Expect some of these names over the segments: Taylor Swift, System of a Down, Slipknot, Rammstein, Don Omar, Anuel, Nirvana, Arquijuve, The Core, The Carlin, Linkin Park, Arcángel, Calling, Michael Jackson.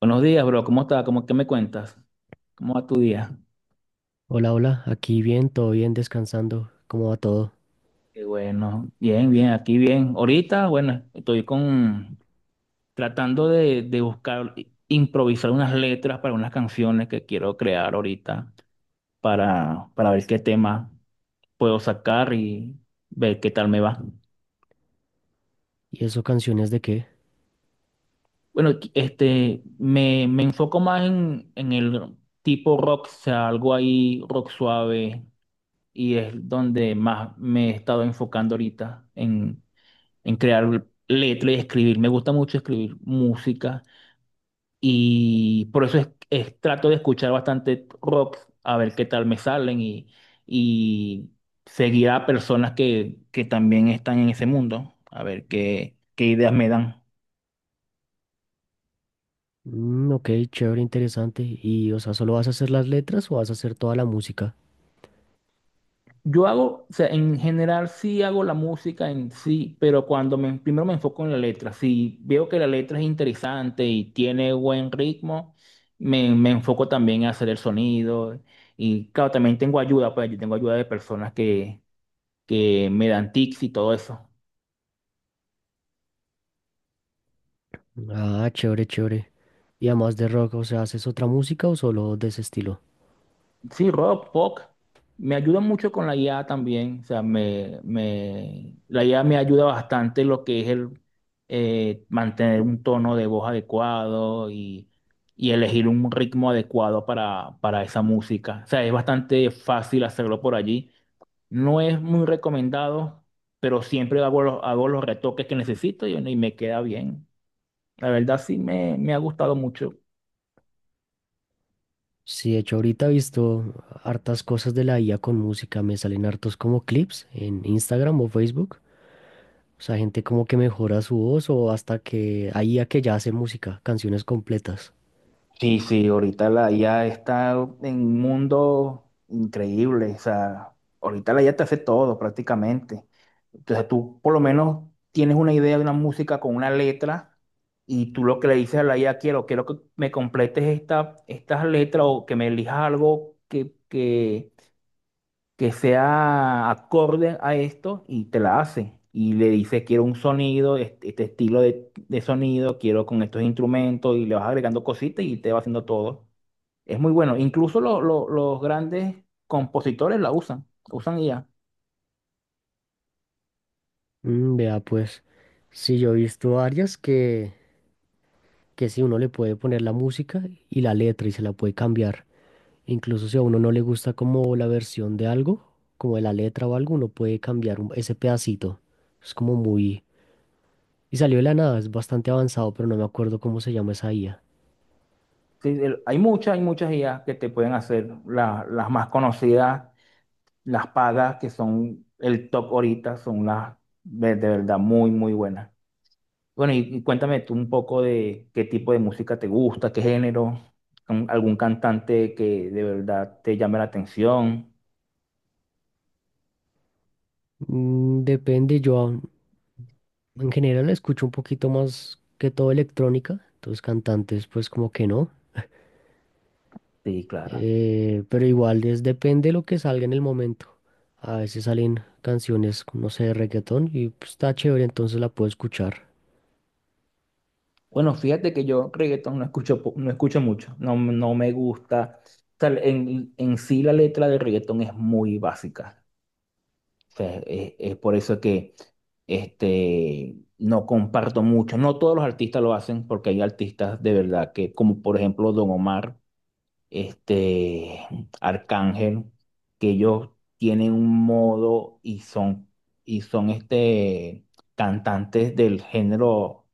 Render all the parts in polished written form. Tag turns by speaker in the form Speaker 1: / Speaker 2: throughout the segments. Speaker 1: Buenos días, bro. ¿Cómo estás? ¿Cómo qué me cuentas? ¿Cómo va tu día?
Speaker 2: Hola, hola, aquí bien, todo bien, descansando, ¿cómo va todo?
Speaker 1: Qué bueno. Bien, bien, aquí bien. Ahorita, bueno, estoy con tratando de buscar, improvisar unas letras para unas canciones que quiero crear ahorita para ver qué tema puedo sacar y ver qué tal me va.
Speaker 2: ¿Y eso canciones de qué?
Speaker 1: Bueno, me enfoco más en el tipo rock, o sea, algo ahí rock suave, y es donde más me he estado enfocando ahorita en crear letras y escribir. Me gusta mucho escribir música y por eso trato de escuchar bastante rock, a ver qué tal me salen y seguir a personas que también están en ese mundo, a ver qué ideas me dan.
Speaker 2: Mm, ok, chévere, interesante. ¿Y, o sea, solo vas a hacer las letras o vas a hacer toda la música?
Speaker 1: Yo hago, o sea, en general sí hago la música en sí, pero cuando primero me enfoco en la letra. Si veo que la letra es interesante y tiene buen ritmo, me enfoco también a hacer el sonido. Y claro, también tengo ayuda, pues yo tengo ayuda de personas que me dan tips y todo eso.
Speaker 2: Ah, chévere, chévere. Y además de rock, o sea, ¿haces otra música o solo de ese estilo?
Speaker 1: Sí, rock, pop. Me ayuda mucho con la IA también. O sea, la IA me ayuda bastante en lo que es el mantener un tono de voz adecuado y elegir un ritmo adecuado para esa música. O sea, es bastante fácil hacerlo por allí. No es muy recomendado, pero siempre hago los retoques que necesito y, bueno, y me queda bien. La verdad, sí me ha gustado mucho.
Speaker 2: Sí, de hecho, ahorita he visto hartas cosas de la IA con música, me salen hartos como clips en Instagram o Facebook. O sea, gente como que mejora su voz o hasta que hay I a que ya hace música, canciones completas.
Speaker 1: Sí, sí, ahorita la IA está en un mundo increíble. O sea, ahorita la IA te hace todo prácticamente. Entonces tú por lo menos tienes una idea de una música con una letra, y tú lo que le dices a la IA, quiero que me completes estas letras o que me elijas algo que sea acorde a esto, y te la hace. Y le dice, quiero un sonido, este estilo de sonido, quiero con estos instrumentos, y le vas agregando cositas y te va haciendo todo. Es muy bueno. Incluso los grandes compositores la usan IA.
Speaker 2: Mm, vea, pues, sí, yo he visto varias que sí, uno le puede poner la música y la letra y se la puede cambiar. Incluso si a uno no le gusta como la versión de algo, como de la letra o algo, uno puede cambiar ese pedacito. Es como muy. Y salió de la nada, es bastante avanzado, pero no me acuerdo cómo se llama esa IA.
Speaker 1: Sí, hay muchas IA que te pueden hacer. Las más conocidas, las pagas, que son el top ahorita, son las de verdad muy, muy buenas. Bueno, y cuéntame tú un poco de qué tipo de música te gusta, qué género, algún cantante que de verdad te llame la atención.
Speaker 2: Mm, depende, en general escucho un poquito más que todo electrónica, entonces cantantes pues como que no.
Speaker 1: Sí, claro.
Speaker 2: Pero igual es depende de lo que salga en el momento. A veces salen canciones, no sé, de reggaetón y pues, está chévere, entonces la puedo escuchar.
Speaker 1: Bueno, fíjate que yo reggaetón no escucho, no escucho mucho, no, no me gusta. O sea, en sí la letra de reggaetón es muy básica. O sea, es por eso que no comparto mucho. No todos los artistas lo hacen, porque hay artistas de verdad que, como por ejemplo Don Omar, este Arcángel, que ellos tienen un modo y son y son cantantes del género,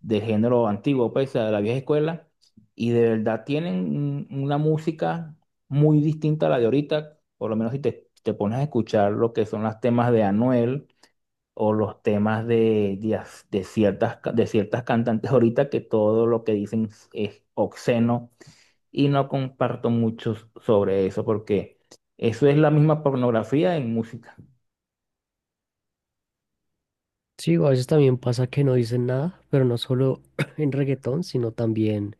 Speaker 1: antiguo, pues de la vieja escuela, y de verdad tienen una música muy distinta a la de ahorita. Por lo menos, si te pones a escuchar lo que son los temas de Anuel o los temas de, as- de ciertas, ca- de ciertas cantantes ahorita, que todo lo que dicen es obsceno, y no comparto mucho sobre eso, porque eso es la misma pornografía en música.
Speaker 2: Sí, a veces también pasa que no dicen nada, pero no solo en reggaetón, sino también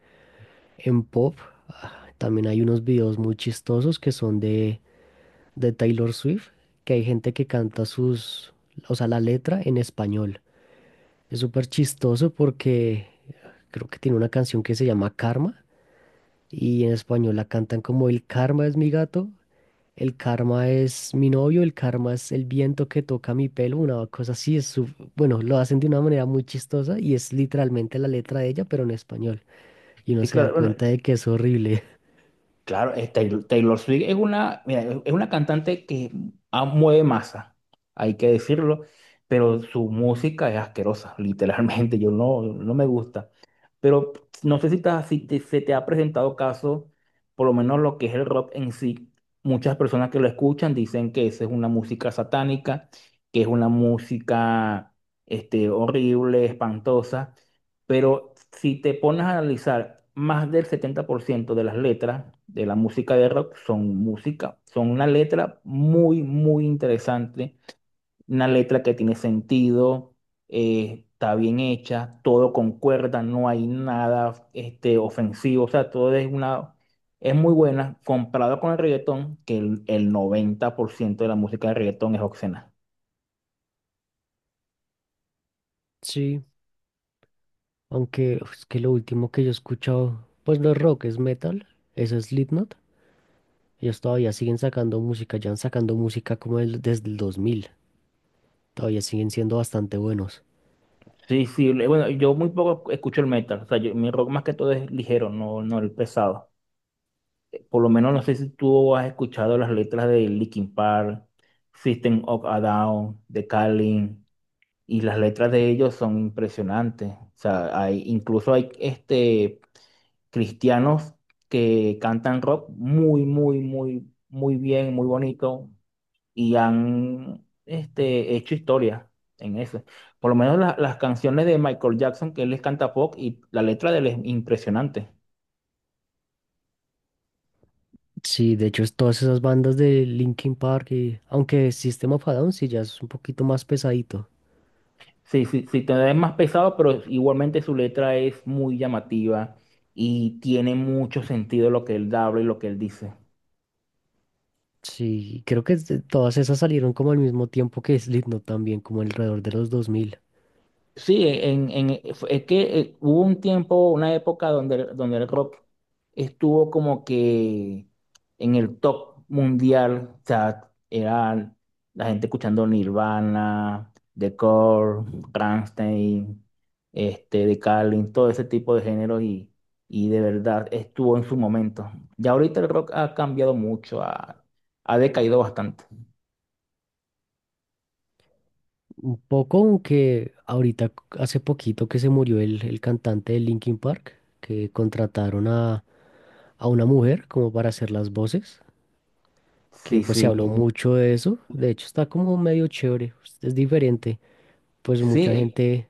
Speaker 2: en pop. Ah, también hay unos videos muy chistosos que son de Taylor Swift, que hay gente que canta sus, o sea, la letra en español. Es súper chistoso porque creo que tiene una canción que se llama Karma y en español la cantan como el karma es mi gato, el karma es mi novio, el karma es el viento que toca mi pelo, una cosa así, es su- bueno, lo hacen de una manera muy chistosa y es literalmente la letra de ella, pero en español. Y uno
Speaker 1: Sí,
Speaker 2: se da
Speaker 1: claro, bueno,
Speaker 2: cuenta de que es horrible.
Speaker 1: claro, es Taylor Swift. Es una, mira, es una cantante que ah, mueve masa, hay que decirlo, pero su música es asquerosa, literalmente, yo no, no me gusta. Pero no sé si, te, si te- se te ha presentado caso, por lo menos lo que es el rock en sí. Muchas personas que lo escuchan dicen que esa es una música satánica, que es una música horrible, espantosa. Pero si te pones a analizar, más del 70% de las letras de la música de rock son música, son una letra muy, muy interesante, una letra que tiene sentido, está bien hecha, todo concuerda, no hay nada ofensivo. O sea, todo es muy buena comparado con el reggaetón, que el 90% de la música de reggaetón es obscena.
Speaker 2: Sí, aunque uf, es que lo último que yo he escuchado, pues no es rock, es metal, eso es Slipknot. Ellos todavía siguen sacando música, ya han sacando música como desde el 2000, todavía siguen siendo bastante buenos.
Speaker 1: Sí, sí, bueno, yo muy poco escucho el metal. O sea, mi rock más que todo es ligero, no, no el pesado. Por lo menos, no sé si tú has escuchado las letras de Linkin Park, System of a Down, de Calling. Y las letras de ellos son impresionantes. O sea, incluso hay cristianos que cantan rock muy, muy, muy, muy bien, muy bonito, y han hecho historia en eso. Por lo menos las canciones de Michael Jackson, que él les canta pop, y la letra de él es impresionante.
Speaker 2: Sí, de hecho, es todas esas bandas de Linkin Park, y aunque System of a Down sí ya es un poquito más pesadito.
Speaker 1: Sí, sí, sí, todavía es más pesado, pero igualmente su letra es muy llamativa y tiene mucho sentido lo que él habla y lo que él dice.
Speaker 2: Sí, creo que es todas esas salieron como al mismo tiempo que Slipknot también, como alrededor de los 2000.
Speaker 1: Sí, es que hubo un tiempo, una época donde el rock estuvo como que en el top mundial. O sea, era la gente escuchando Nirvana, The Core, Rammstein, The Carlin, todo ese tipo de géneros, y de verdad estuvo en su momento. Ya ahorita el rock ha cambiado mucho, ha decaído bastante.
Speaker 2: Un poco, aunque ahorita hace poquito que se murió el cantante de Linkin Park, que contrataron a una mujer como para hacer las voces, que
Speaker 1: Sí,
Speaker 2: pues se habló
Speaker 1: sí.
Speaker 2: Ujú. Mucho de eso. De hecho, está como medio chévere, es diferente. Pues mucha
Speaker 1: Sí,
Speaker 2: gente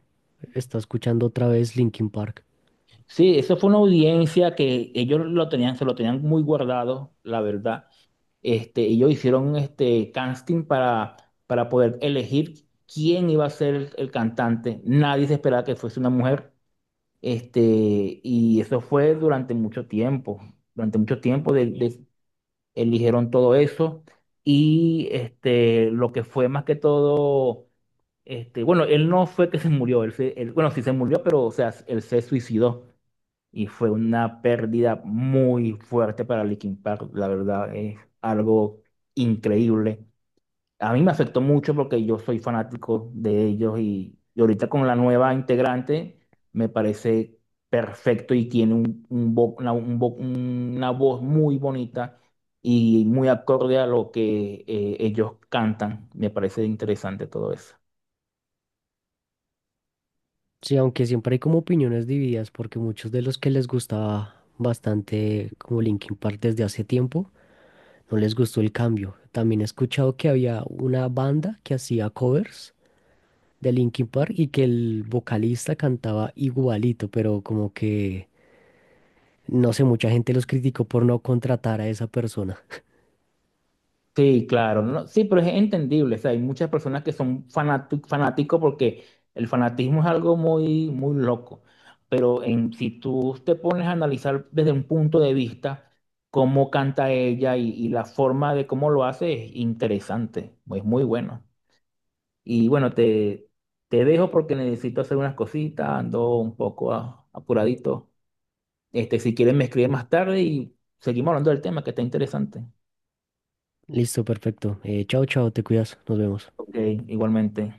Speaker 2: está escuchando otra vez Linkin Park.
Speaker 1: sí, eso fue una audiencia que ellos lo tenían, se lo tenían muy guardado, la verdad. Ellos hicieron este casting para poder elegir quién iba a ser el cantante. Nadie se esperaba que fuese una mujer. Este, y eso fue durante mucho tiempo. Durante mucho tiempo eligieron todo eso. Y lo que fue más que todo, bueno, él no fue que se murió, bueno, sí se murió, pero o sea, él se suicidó y fue una pérdida muy fuerte para Linkin Park. La verdad es algo increíble. A mí me afectó mucho porque yo soy fanático de ellos, y ahorita con la nueva integrante me parece perfecto, y tiene una voz muy bonita y muy acorde a lo que ellos cantan. Me parece interesante todo eso.
Speaker 2: Sí, aunque siempre hay como opiniones divididas, porque muchos de los que les gustaba bastante como Linkin Park desde hace tiempo, no les gustó el cambio. También he escuchado que había una banda que hacía covers de Linkin Park y que el vocalista cantaba igualito, pero como que, no sé, mucha gente los criticó por no contratar a esa persona.
Speaker 1: Sí, claro, no, sí, pero es entendible. O sea, hay muchas personas que son fanáticos, porque el fanatismo es algo muy, muy loco. Pero si tú te pones a analizar desde un punto de vista cómo canta ella, y la forma de cómo lo hace es interesante, es muy bueno. Y bueno, te dejo porque necesito hacer unas cositas, ando un poco apuradito. Si quieres, me escribes más tarde y seguimos hablando del tema, que está interesante.
Speaker 2: Listo, perfecto. Chao, chao, te cuidas, nos vemos.
Speaker 1: Ok, igualmente.